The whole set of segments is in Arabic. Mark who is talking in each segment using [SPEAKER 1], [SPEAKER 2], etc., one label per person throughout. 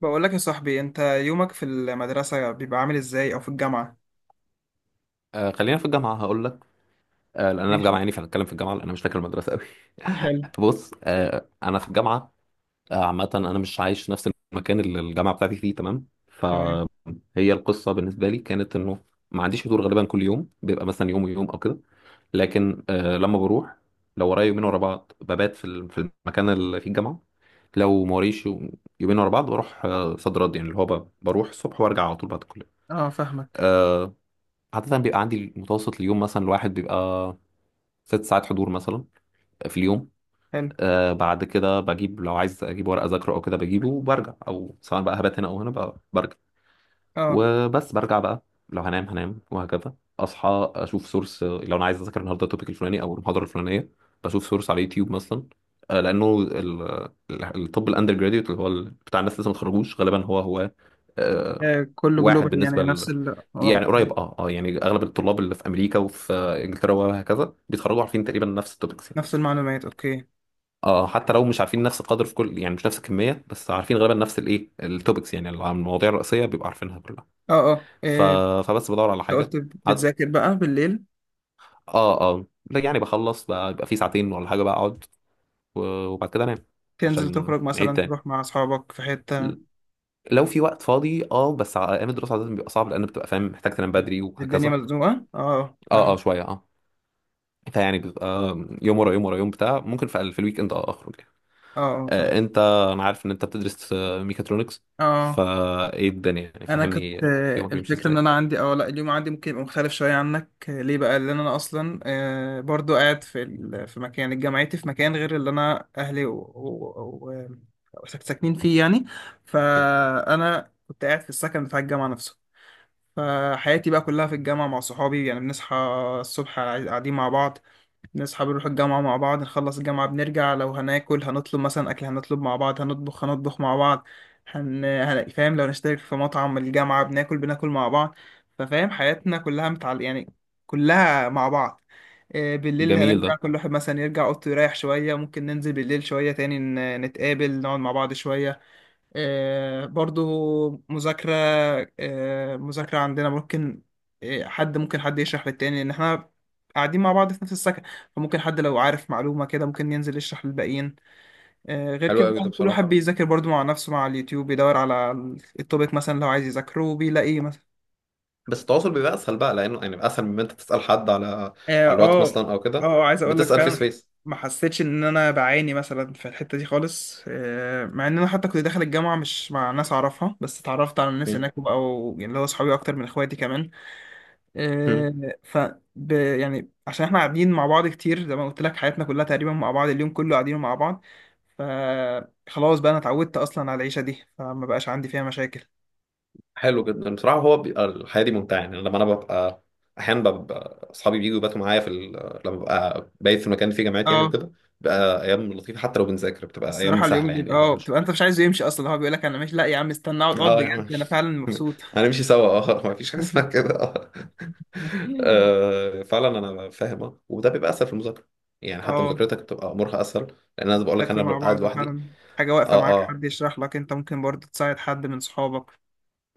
[SPEAKER 1] بقول لك يا صاحبي، انت يومك في المدرسة بيبقى عامل ازاي، او في الجامعة؟
[SPEAKER 2] آه، خلينا في الجامعة هقول لك. آه لأن أنا في جامعة،
[SPEAKER 1] ماشي.
[SPEAKER 2] يعني فهنتكلم في الجامعة لأن أنا مش فاكر المدرسة أوي.
[SPEAKER 1] حلو.
[SPEAKER 2] بص، آه أنا في الجامعة. آه عامة أنا مش عايش في نفس المكان اللي الجامعة بتاعتي فيه، تمام؟
[SPEAKER 1] تمام.
[SPEAKER 2] فهي القصة بالنسبة لي كانت إنه ما عنديش حضور غالبا، كل يوم بيبقى مثلا يوم ويوم أو كده. لكن آه لما بروح، لو ورايا يومين ورا بعض ببات في في المكان اللي فيه الجامعة. لو ما وريش يومين ورا بعض بروح آه صد رد، يعني اللي هو بروح الصبح وارجع على طول بعد الكلية.
[SPEAKER 1] اه، فاهمك.
[SPEAKER 2] آه، عادة بيبقى عندي متوسط اليوم مثلا الواحد بيبقى ست ساعات حضور مثلا في اليوم.
[SPEAKER 1] حلو.
[SPEAKER 2] آه بعد كده بجيب، لو عايز اجيب ورقة اذاكره او كده بجيبه وبرجع، او سواء بقى هبات هنا او هنا بقى برجع.
[SPEAKER 1] اه
[SPEAKER 2] وبس برجع بقى. لو هنام هنام، وهكذا اصحى اشوف سورس لو انا عايز اذاكر النهارده التوبيك الفلاني او المحاضرة الفلانية. بشوف سورس على يوتيوب مثلا. آه لانه الطب الاندر جراديوت اللي هو بتاع الناس لسه ما اتخرجوش غالبا هو آه
[SPEAKER 1] كله
[SPEAKER 2] واحد
[SPEAKER 1] جلوبال، يعني
[SPEAKER 2] بالنسبة،
[SPEAKER 1] نفس ال اه
[SPEAKER 2] يعني
[SPEAKER 1] اوكي.
[SPEAKER 2] قريب. اه يعني اغلب الطلاب اللي في امريكا وفي انجلترا وهكذا بيتخرجوا عارفين تقريبا نفس التوبكس يعني.
[SPEAKER 1] نفس المعلومات، اوكي.
[SPEAKER 2] اه حتى لو مش عارفين نفس القدر في كل، يعني مش نفس الكميه، بس عارفين غالبا نفس الايه التوبكس، يعني المواضيع الرئيسيه بيبقوا عارفينها كلها. ف...
[SPEAKER 1] انت
[SPEAKER 2] فبس بدور على حاجه.
[SPEAKER 1] قلت
[SPEAKER 2] عد...
[SPEAKER 1] بتذاكر بقى بالليل؟
[SPEAKER 2] اه لا يعني بخلص بقى، يبقى في ساعتين ولا حاجه بقى اقعد و- وبعد كده انام.
[SPEAKER 1] تنزل
[SPEAKER 2] عشان
[SPEAKER 1] تخرج
[SPEAKER 2] نعيد
[SPEAKER 1] مثلا،
[SPEAKER 2] تاني.
[SPEAKER 1] تروح مع اصحابك في حتة؟
[SPEAKER 2] لو في وقت فاضي اه، بس ايام الدراسه عاده بيبقى صعب لان بتبقى فاهم محتاج تنام بدري
[SPEAKER 1] الدنيا
[SPEAKER 2] وهكذا.
[SPEAKER 1] مزنوقة، اه
[SPEAKER 2] اه
[SPEAKER 1] فاهم.
[SPEAKER 2] شويه اه. فيعني بيبقى يوم ورا يوم ورا يوم بتاع، ممكن في الويك اند اه اخرج يعني.
[SPEAKER 1] اه اه فاهم.
[SPEAKER 2] آه، انت، انا عارف ان انت بتدرس ميكاترونكس،
[SPEAKER 1] اه،
[SPEAKER 2] فايه الدنيا يعني؟
[SPEAKER 1] انا كنت،
[SPEAKER 2] فهمني يومك بيمشي
[SPEAKER 1] الفكره ان
[SPEAKER 2] ازاي.
[SPEAKER 1] انا عندي او لا، اليوم عندي ممكن يبقى مختلف شويه عنك. ليه بقى؟ لان انا اصلا، برضو قاعد في مكان جامعتي، في مكان غير اللي انا اهلي ساكنين فيه يعني.
[SPEAKER 2] أوكي.
[SPEAKER 1] فانا كنت قاعد في السكن بتاع الجامعه نفسه. فحياتي بقى كلها في الجامعه مع صحابي، يعني بنصحى الصبح قاعدين مع بعض، نصحى بنروح الجامعة مع بعض، نخلص الجامعة بنرجع، لو هناكل هنطلب مثلا أكل، هنطلب مع بعض، هنطبخ هنطبخ مع بعض. فاهم، لو نشترك في مطعم الجامعة بناكل بناكل مع بعض. ففاهم حياتنا كلها يعني كلها مع بعض. بالليل
[SPEAKER 2] جميل ده.
[SPEAKER 1] هنرجع كل واحد مثلا يرجع أوضته يريح شوية، ممكن ننزل بالليل شوية تاني نتقابل، نقعد مع بعض شوية. برضو مذاكرة. مذاكرة عندنا ممكن، حد ممكن يشرح للتاني، ان احنا قاعدين مع بعض في نفس السكن، فممكن حد لو عارف معلومة كده ممكن ينزل يشرح للباقيين. غير
[SPEAKER 2] حلو
[SPEAKER 1] كده
[SPEAKER 2] قوي ده
[SPEAKER 1] بقى كل واحد
[SPEAKER 2] بصراحه.
[SPEAKER 1] بيذاكر برضو مع نفسه، مع اليوتيوب بيدور على التوبيك مثلا، لو عايز يذاكره بيلاقيه.
[SPEAKER 2] بس التواصل بيبقى اسهل بقى، لانه يعني بيبقى اسهل من ما انت تسال حد على
[SPEAKER 1] اه
[SPEAKER 2] على الواتس
[SPEAKER 1] اه،
[SPEAKER 2] مثلا او كده.
[SPEAKER 1] عايز اقول لك
[SPEAKER 2] بتسال
[SPEAKER 1] فعلا
[SPEAKER 2] فيس،
[SPEAKER 1] ما حسيتش ان انا بعاني مثلا في الحته دي خالص، مع ان انا حتى كنت داخل الجامعه مش مع ناس اعرفها، بس اتعرفت على الناس هناك، او اللي هو صحابي اكتر من اخواتي كمان.
[SPEAKER 2] فيس.
[SPEAKER 1] آه، ف يعني عشان احنا قاعدين مع بعض كتير، زي ما قلت لك، حياتنا كلها تقريبا مع بعض، اليوم كله قاعدين مع بعض. فخلاص بقى انا اتعودت اصلا على العيشه دي، فما بقاش عندي فيها مشاكل.
[SPEAKER 2] حلو جدا بصراحه، هو بيبقى الحياه دي ممتعه، يعني لما انا ببقى، احيانا ببقى اصحابي بييجوا يباتوا معايا في ال...، لما ببقى بايت في مكان فيه جامعات يعني
[SPEAKER 1] اه،
[SPEAKER 2] وكده، بتبقى ايام لطيفه. حتى لو بنذاكر بتبقى ايام
[SPEAKER 1] الصراحه اليوم
[SPEAKER 2] سهله، يعني
[SPEAKER 1] بيبقى،
[SPEAKER 2] اللي هو
[SPEAKER 1] اه
[SPEAKER 2] مش.
[SPEAKER 1] بتبقى انت مش عايزه يمشي اصلا، هو بيقول لك انا ماشي، لا يا عم استنى اقعد اقعد،
[SPEAKER 2] اه يا عم.
[SPEAKER 1] بجد انا فعلا مبسوط.
[SPEAKER 2] هنمشي سوا اه. ما فيش حاجه اسمها كده اه. فعلا انا فاهم اه، وده بيبقى اسهل في المذاكره. يعني حتى
[SPEAKER 1] اه.
[SPEAKER 2] مذاكرتك بتبقى امورها اسهل، لان انا بقول لك انا
[SPEAKER 1] تاكلوا
[SPEAKER 2] ببقى
[SPEAKER 1] مع
[SPEAKER 2] قاعد
[SPEAKER 1] بعض
[SPEAKER 2] لوحدي.
[SPEAKER 1] فعلا، حاجة واقفة معاك
[SPEAKER 2] اه
[SPEAKER 1] حد يشرح لك، انت ممكن برضه تساعد حد من صحابك.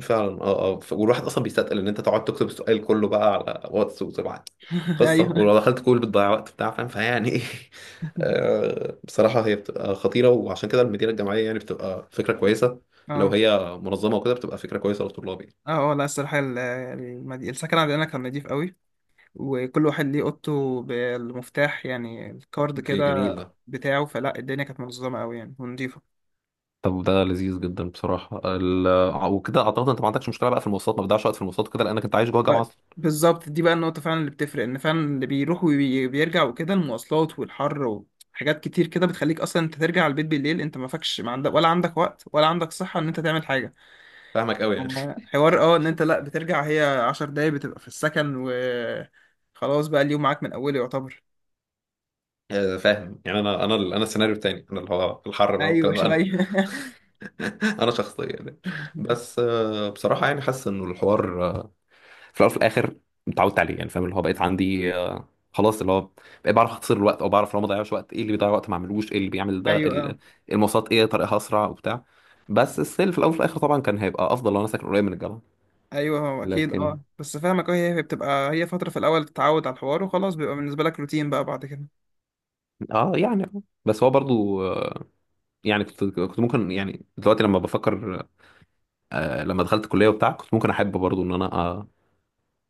[SPEAKER 2] فعلا. اه والواحد اصلا بيستثقل ان انت تقعد تكتب السؤال كله بقى على واتس وتبعت قصه،
[SPEAKER 1] ايوه،
[SPEAKER 2] ولو دخلت كول بتضيع وقت بتاع، فاهم؟ فيعني ايه. بصراحه هي بتبقى خطيره، وعشان كده المديره الجامعيه يعني بتبقى فكره كويسه، لو
[SPEAKER 1] اه
[SPEAKER 2] هي منظمه وكده بتبقى فكره كويسه للطلاب يعني.
[SPEAKER 1] اه اه، لا الصراحة السكن عندنا كان نضيف قوي، وكل واحد ليه اوضته بالمفتاح يعني الكارد
[SPEAKER 2] اوكي جميل
[SPEAKER 1] كده
[SPEAKER 2] ده.
[SPEAKER 1] بتاعه. فلا الدنيا كانت منظمة قوي يعني، ونضيفة.
[SPEAKER 2] طب ده لذيذ جدا بصراحه ال...، وكده اعتقد انت ما عندكش مشكله بقى في المواصلات، ما بتضيعش وقت في المواصلات وكده، لانك انت عايش جوه الجامعه
[SPEAKER 1] ما-
[SPEAKER 2] اصلا.
[SPEAKER 1] بالظبط، دي بقى النقطة فعلا اللي بتفرق، ان فعلا اللي بيروح وبيرجع وكده، المواصلات والحر وحاجات كتير كده، بتخليك اصلا انت ترجع البيت بالليل انت ما فكش، ما عندك، ولا عندك وقت، ولا عندك صحة ان انت تعمل حاجة.
[SPEAKER 2] فاهمك قوي يعني.
[SPEAKER 1] حوار، اه ان انت لا بترجع، هي عشر دقايق بتبقى في السكن، و خلاص بقى اليوم معاك من اوله يعتبر.
[SPEAKER 2] فاهم يعني، انا السيناريو التاني، انا اللي هو الحر بقى
[SPEAKER 1] ايوه
[SPEAKER 2] والكلام ده.
[SPEAKER 1] شوية.
[SPEAKER 2] انا شخصيا يعني بس بصراحه يعني حاسس انه الحوار في الاول وفي الاخر اتعودت عليه، يعني فاهم اللي هو بقيت عندي خلاص، اللي هو بقيت بعرف اختصر الوقت، او بعرف لو ما ضيعش وقت ايه اللي بيضيع وقت ما اعملوش، ايه اللي بيعمل ده
[SPEAKER 1] ايوه اه.
[SPEAKER 2] المواصلات ايه طريقها اسرع وبتاع. بس السيل في الاول وفي الاخر طبعا كان هيبقى افضل لو انا ساكن قريب من الجامعه.
[SPEAKER 1] ايوه هو اكيد،
[SPEAKER 2] لكن
[SPEAKER 1] اه بس فاهمك. اه، هي بتبقى، هي فترة في الاول تتعود على الحوار، وخلاص بيبقى بالنسبة لك روتين بقى بعد كده.
[SPEAKER 2] اه يعني آه. بس هو برضو يعني كنت ممكن، يعني دلوقتي لما بفكر، لما دخلت الكليه وبتاع كنت ممكن احب برضو ان انا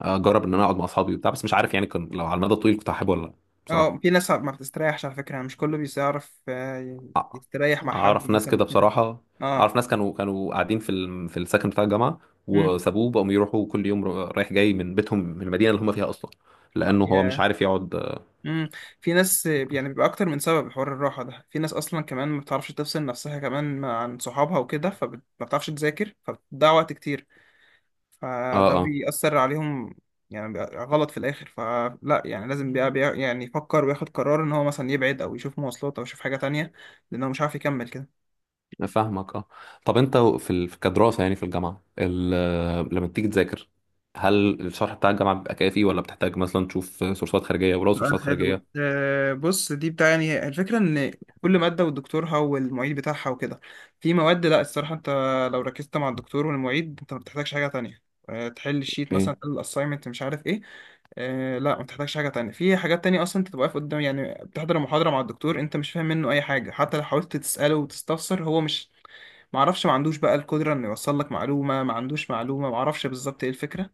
[SPEAKER 2] اجرب ان انا اقعد مع اصحابي وبتاع، بس مش عارف يعني، كنت لو على المدى الطويل كنت هحبه ولا لا،
[SPEAKER 1] اه، في
[SPEAKER 2] بصراحه.
[SPEAKER 1] ناس ما بتستريحش على فكرة يعني، مش كله بيعرف
[SPEAKER 2] أ- اه
[SPEAKER 1] يستريح مع حد
[SPEAKER 2] اعرف ناس كده
[SPEAKER 1] مثلا كده.
[SPEAKER 2] بصراحه.
[SPEAKER 1] اه.
[SPEAKER 2] اعرف ناس كانوا قاعدين في في السكن بتاع الجامعه،
[SPEAKER 1] امم.
[SPEAKER 2] وسابوه بقوا يروحوا كل يوم رايح جاي من بيتهم من المدينه اللي هم فيها اصلا، لانه هو مش
[SPEAKER 1] يا،
[SPEAKER 2] عارف يقعد.
[SPEAKER 1] امم، في ناس يعني بيبقى اكتر من سبب، حوار الراحة ده، في ناس اصلا كمان ما بتعرفش تفصل نفسها كمان عن صحابها وكده، فما بتعرفش تذاكر، فبتضيع وقت كتير،
[SPEAKER 2] اه
[SPEAKER 1] فده
[SPEAKER 2] اه
[SPEAKER 1] بيأثر عليهم. يعني بيبقى غلط في الاخر، فلا يعني لازم يعني يفكر وياخد قرار، ان هو مثلا يبعد او يشوف مواصلات او يشوف حاجة تانية، لانه مش عارف يكمل كده.
[SPEAKER 2] فاهمك اه. طب انت في كدراسه يعني في الجامعه ال...، لما بتيجي تذاكر، هل الشرح بتاع الجامعه بيبقى كافي ولا بتحتاج مثلا تشوف سورسات خارجيه؟ ولو
[SPEAKER 1] سؤال
[SPEAKER 2] سورسات
[SPEAKER 1] حلو.
[SPEAKER 2] خارجيه
[SPEAKER 1] بص، دي بتاع يعني الفكرة، إن كل مادة ودكتورها والمعيد بتاعها وكده. في مواد لأ، الصراحة أنت لو ركزت مع الدكتور والمعيد أنت ما بتحتاجش حاجة تانية، تحل الشيت مثلا،
[SPEAKER 2] ايه؟
[SPEAKER 1] تحل الأسايمنت، مش عارف إيه. لأ، ما بتحتاجش حاجة تانية. في حاجات تانية أصلا أنت تبقى واقف قدام، يعني بتحضر محاضرة مع الدكتور أنت مش فاهم منه أي حاجة، حتى لو حاولت تسأله وتستفسر هو مش، ما اعرفش ما عندوش بقى القدرة انه يوصل لك معلومة، ما عندوش معلومة، ما اعرفش بالظبط ايه الفكرة.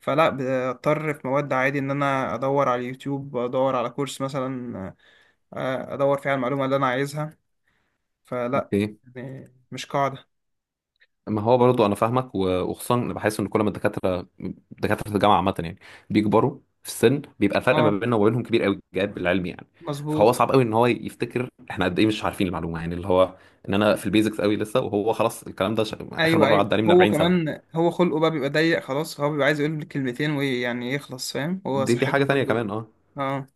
[SPEAKER 1] فلا بضطر في مواد عادي ان انا ادور على اليوتيوب، ادور على كورس مثلا، ادور فيه على المعلومة اللي انا عايزها. فلا،
[SPEAKER 2] اوكي.
[SPEAKER 1] يعني مش قاعدة.
[SPEAKER 2] ما هو برضو انا فاهمك وخصوصا انا بحس ان كل ما الدكاتره، دكاتره الجامعه عامه يعني، بيكبروا في السن بيبقى الفرق ما
[SPEAKER 1] اه،
[SPEAKER 2] بيننا وما بينهم كبير قوي، جاب العلمي يعني. فهو
[SPEAKER 1] مظبوط.
[SPEAKER 2] صعب قوي ان هو يفتكر احنا قد ايه مش عارفين المعلومه، يعني اللي هو ان انا في البيزكس قوي لسه، وهو خلاص الكلام ده اخر
[SPEAKER 1] ايوه
[SPEAKER 2] مره
[SPEAKER 1] ايوه،
[SPEAKER 2] عدى عليه من
[SPEAKER 1] هو
[SPEAKER 2] 40 سنه يعني.
[SPEAKER 1] كمان هو خلقه بقى بيبقى ضيق، خلاص هو بيبقى عايز يقول كلمتين ويعني يخلص، فاهم، هو
[SPEAKER 2] دي حاجه
[SPEAKER 1] صحته
[SPEAKER 2] تانيه كمان
[SPEAKER 1] برضه.
[SPEAKER 2] اه.
[SPEAKER 1] اه.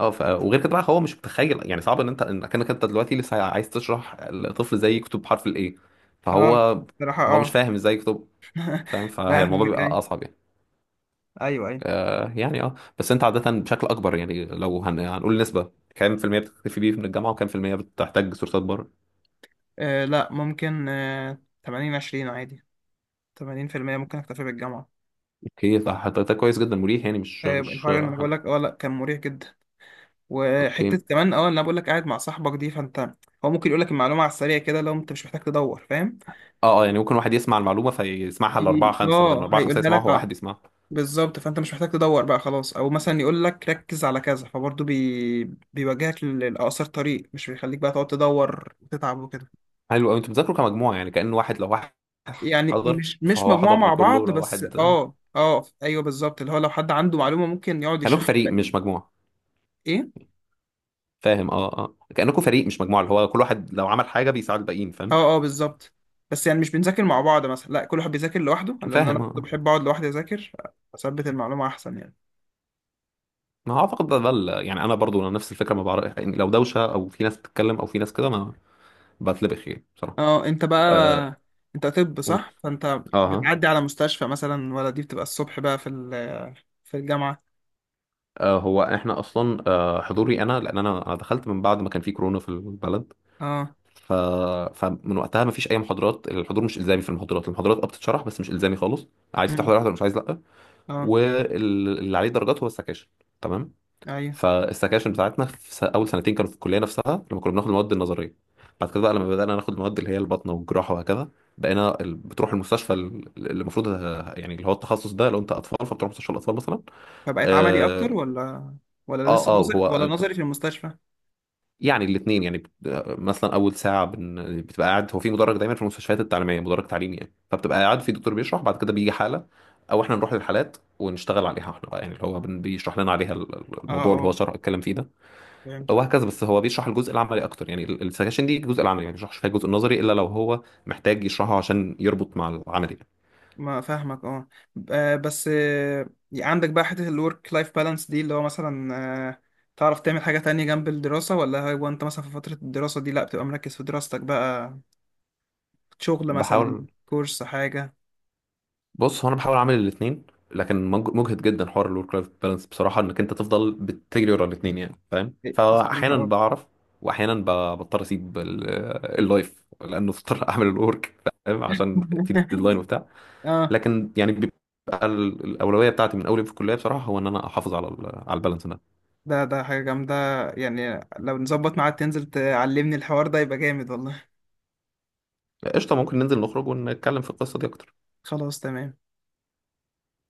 [SPEAKER 2] اه وغير كده بقى هو مش متخيل، يعني صعب ان انت انك انت دلوقتي لسه عايز تشرح لطفل زي كتب حرف الايه. فهو،
[SPEAKER 1] اه بصراحة،
[SPEAKER 2] هو مش
[SPEAKER 1] اه.
[SPEAKER 2] فاهم ازاي كتب فاهم، فهي الموضوع
[SPEAKER 1] فاهمك،
[SPEAKER 2] بيبقى
[SPEAKER 1] ايوه
[SPEAKER 2] اصعب يعني.
[SPEAKER 1] ايوه ايوه،
[SPEAKER 2] آه يعني اه، بس انت عادة بشكل اكبر يعني، لو هنقول نسبة كام في المية بتكتفي بيه من الجامعة، وكام في المية بتحتاج سورسات بره؟
[SPEAKER 1] آه لا ممكن، 80 20 عادي. 80% ممكن اكتفي بالجامعة.
[SPEAKER 2] اوكي فحضرتك كويس جدا مريح، يعني مش مش
[SPEAKER 1] الحوار، لما انا بقول
[SPEAKER 2] حاجة.
[SPEAKER 1] لك اه لا، كان مريح جدا. وحتة
[SPEAKER 2] اوكي.
[SPEAKER 1] كمان، اه اللي انا بقول لك قاعد مع صاحبك دي، فانت هو ممكن يقول لك المعلومة على السريع كده، لو انت مش محتاج تدور، فاهم؟
[SPEAKER 2] اه يعني ممكن واحد يسمع المعلومة فيسمعها لأربعة خمسة، بدل ما
[SPEAKER 1] اه،
[SPEAKER 2] أربعة خمسة
[SPEAKER 1] هيقولها
[SPEAKER 2] يسمعوها،
[SPEAKER 1] لك،
[SPEAKER 2] هو واحد
[SPEAKER 1] اه
[SPEAKER 2] يسمعها.
[SPEAKER 1] بالظبط. فانت مش محتاج تدور بقى خلاص، او مثلا يقول لك ركز على كذا، فبرضه بيوجهك لأقصر طريق، مش بيخليك بقى تقعد تدور وتتعب وكده.
[SPEAKER 2] حلو قوي، انتوا بتذاكروا كمجموعة؟ يعني كأن واحد، لو واحد
[SPEAKER 1] يعني
[SPEAKER 2] حضر
[SPEAKER 1] مش
[SPEAKER 2] فهو
[SPEAKER 1] مجموعة
[SPEAKER 2] حضر
[SPEAKER 1] مع
[SPEAKER 2] لكله.
[SPEAKER 1] بعض
[SPEAKER 2] ولو
[SPEAKER 1] بس،
[SPEAKER 2] واحد،
[SPEAKER 1] اه اه ايوه بالظبط، اللي هو لو حد عنده معلومة ممكن يقعد
[SPEAKER 2] كأنكم
[SPEAKER 1] يشرح
[SPEAKER 2] فريق مش
[SPEAKER 1] لك.
[SPEAKER 2] مجموعة،
[SPEAKER 1] ايه،
[SPEAKER 2] فاهم؟ اه كأنكم فريق مش مجموعة، اللي هو كل واحد لو عمل حاجة بيساعد الباقيين، فاهم؟
[SPEAKER 1] اه اه بالظبط. بس يعني مش بنذاكر مع بعض مثلا، لا، كل واحد بيذاكر لوحده، لان انا
[SPEAKER 2] فاهم اه
[SPEAKER 1] برضه
[SPEAKER 2] آه.
[SPEAKER 1] بحب اقعد لوحدي اذاكر، اثبت المعلومه احسن يعني.
[SPEAKER 2] ما هو اعتقد ده يعني انا برضو نفس الفكره، ما بعرف يعني لو دوشه او في ناس بتتكلم او في ناس كده ما بتلبخ يعني بصراحه.
[SPEAKER 1] اه، انت بقى
[SPEAKER 2] أه.
[SPEAKER 1] انت، طب
[SPEAKER 2] قول.
[SPEAKER 1] صح، فانت
[SPEAKER 2] اه ها.
[SPEAKER 1] بتعدي على مستشفى مثلا، ولا دي بتبقى الصبح بقى في الجامعه؟
[SPEAKER 2] أه هو احنا اصلا أه حضوري انا، لان انا دخلت من بعد ما كان في كورونا في البلد.
[SPEAKER 1] اه.
[SPEAKER 2] ف... فمن وقتها ما فيش اي محاضرات، الحضور مش الزامي في المحاضرات، المحاضرات اه بتتشرح بس مش الزامي خالص. عايز
[SPEAKER 1] امم.
[SPEAKER 2] تحضر احضر، مش عايز لا.
[SPEAKER 1] اه.
[SPEAKER 2] واللي عليه درجات هو السكاشن، تمام؟
[SPEAKER 1] ايوه،
[SPEAKER 2] فالسكاشن بتاعتنا في اول سنتين كانوا في الكليه نفسها، لما كنا بناخد المواد النظريه. بعد كده بقى لما بدانا ناخد المواد اللي هي البطنه والجراحه وهكذا، بقينا بتروح المستشفى اللي المفروض، يعني اللي هو التخصص ده، لو انت اطفال فبتروح مستشفى الاطفال مثلا.
[SPEAKER 1] فبقت عملي
[SPEAKER 2] اه.
[SPEAKER 1] اكتر، ولا ولا لسه نظري،
[SPEAKER 2] هو
[SPEAKER 1] ولا
[SPEAKER 2] انت،
[SPEAKER 1] نظري في المستشفى؟
[SPEAKER 2] يعني الاثنين، يعني مثلا اول ساعه بتبقى قاعد هو في مدرج، دايما في المستشفيات التعليميه مدرج تعليمي يعني، فبتبقى قاعد في دكتور بيشرح، بعد كده بيجي حاله، او احنا نروح للحالات ونشتغل عليها احنا بقى، يعني اللي هو بيشرح لنا عليها الموضوع اللي هو
[SPEAKER 1] اه.
[SPEAKER 2] شرح اتكلم فيه ده،
[SPEAKER 1] اه
[SPEAKER 2] وهكذا. بس هو بيشرح الجزء العملي اكتر، يعني السكاشن دي الجزء العملي يعني، ما بيشرحش فيها الجزء النظري الا لو هو محتاج يشرحه عشان يربط مع العملي يعني.
[SPEAKER 1] ما فاهمك، اه. بس عندك بقى حتة الورك لايف بالانس دي، اللي هو مثلا آه، تعرف تعمل حاجة تانية جنب الدراسة، ولا هو انت مثلا في فترة الدراسة دي لا بتبقى مركز في دراستك بقى؟ شغل مثلا،
[SPEAKER 2] بحاول.
[SPEAKER 1] كورس، حاجة؟
[SPEAKER 2] بص هو انا بحاول اعمل الاثنين، لكن مجهد جدا حوار الورك لايف بالانس بصراحه، انك انت تفضل بتجري ورا الاثنين يعني فاهم.
[SPEAKER 1] إيه،
[SPEAKER 2] فاحيانا
[SPEAKER 1] الصراحة اه.
[SPEAKER 2] بعرف، واحيانا بضطر اسيب اللايف لانه اضطر اعمل الورك، فاهم؟ عشان في ديدلاين وبتاع.
[SPEAKER 1] اه،
[SPEAKER 2] لكن يعني بيبقى الاولويه بتاعتي من اولي في الكليه بصراحه، هو ان انا احافظ على ال- على البالانس ده.
[SPEAKER 1] ده حاجة جامدة، يعني لو نظبط معاك تنزل تعلمني الحوار ده يبقى جامد والله.
[SPEAKER 2] قشطة. ممكن ننزل نخرج ونتكلم في القصة دي أكتر.
[SPEAKER 1] خلاص، تمام.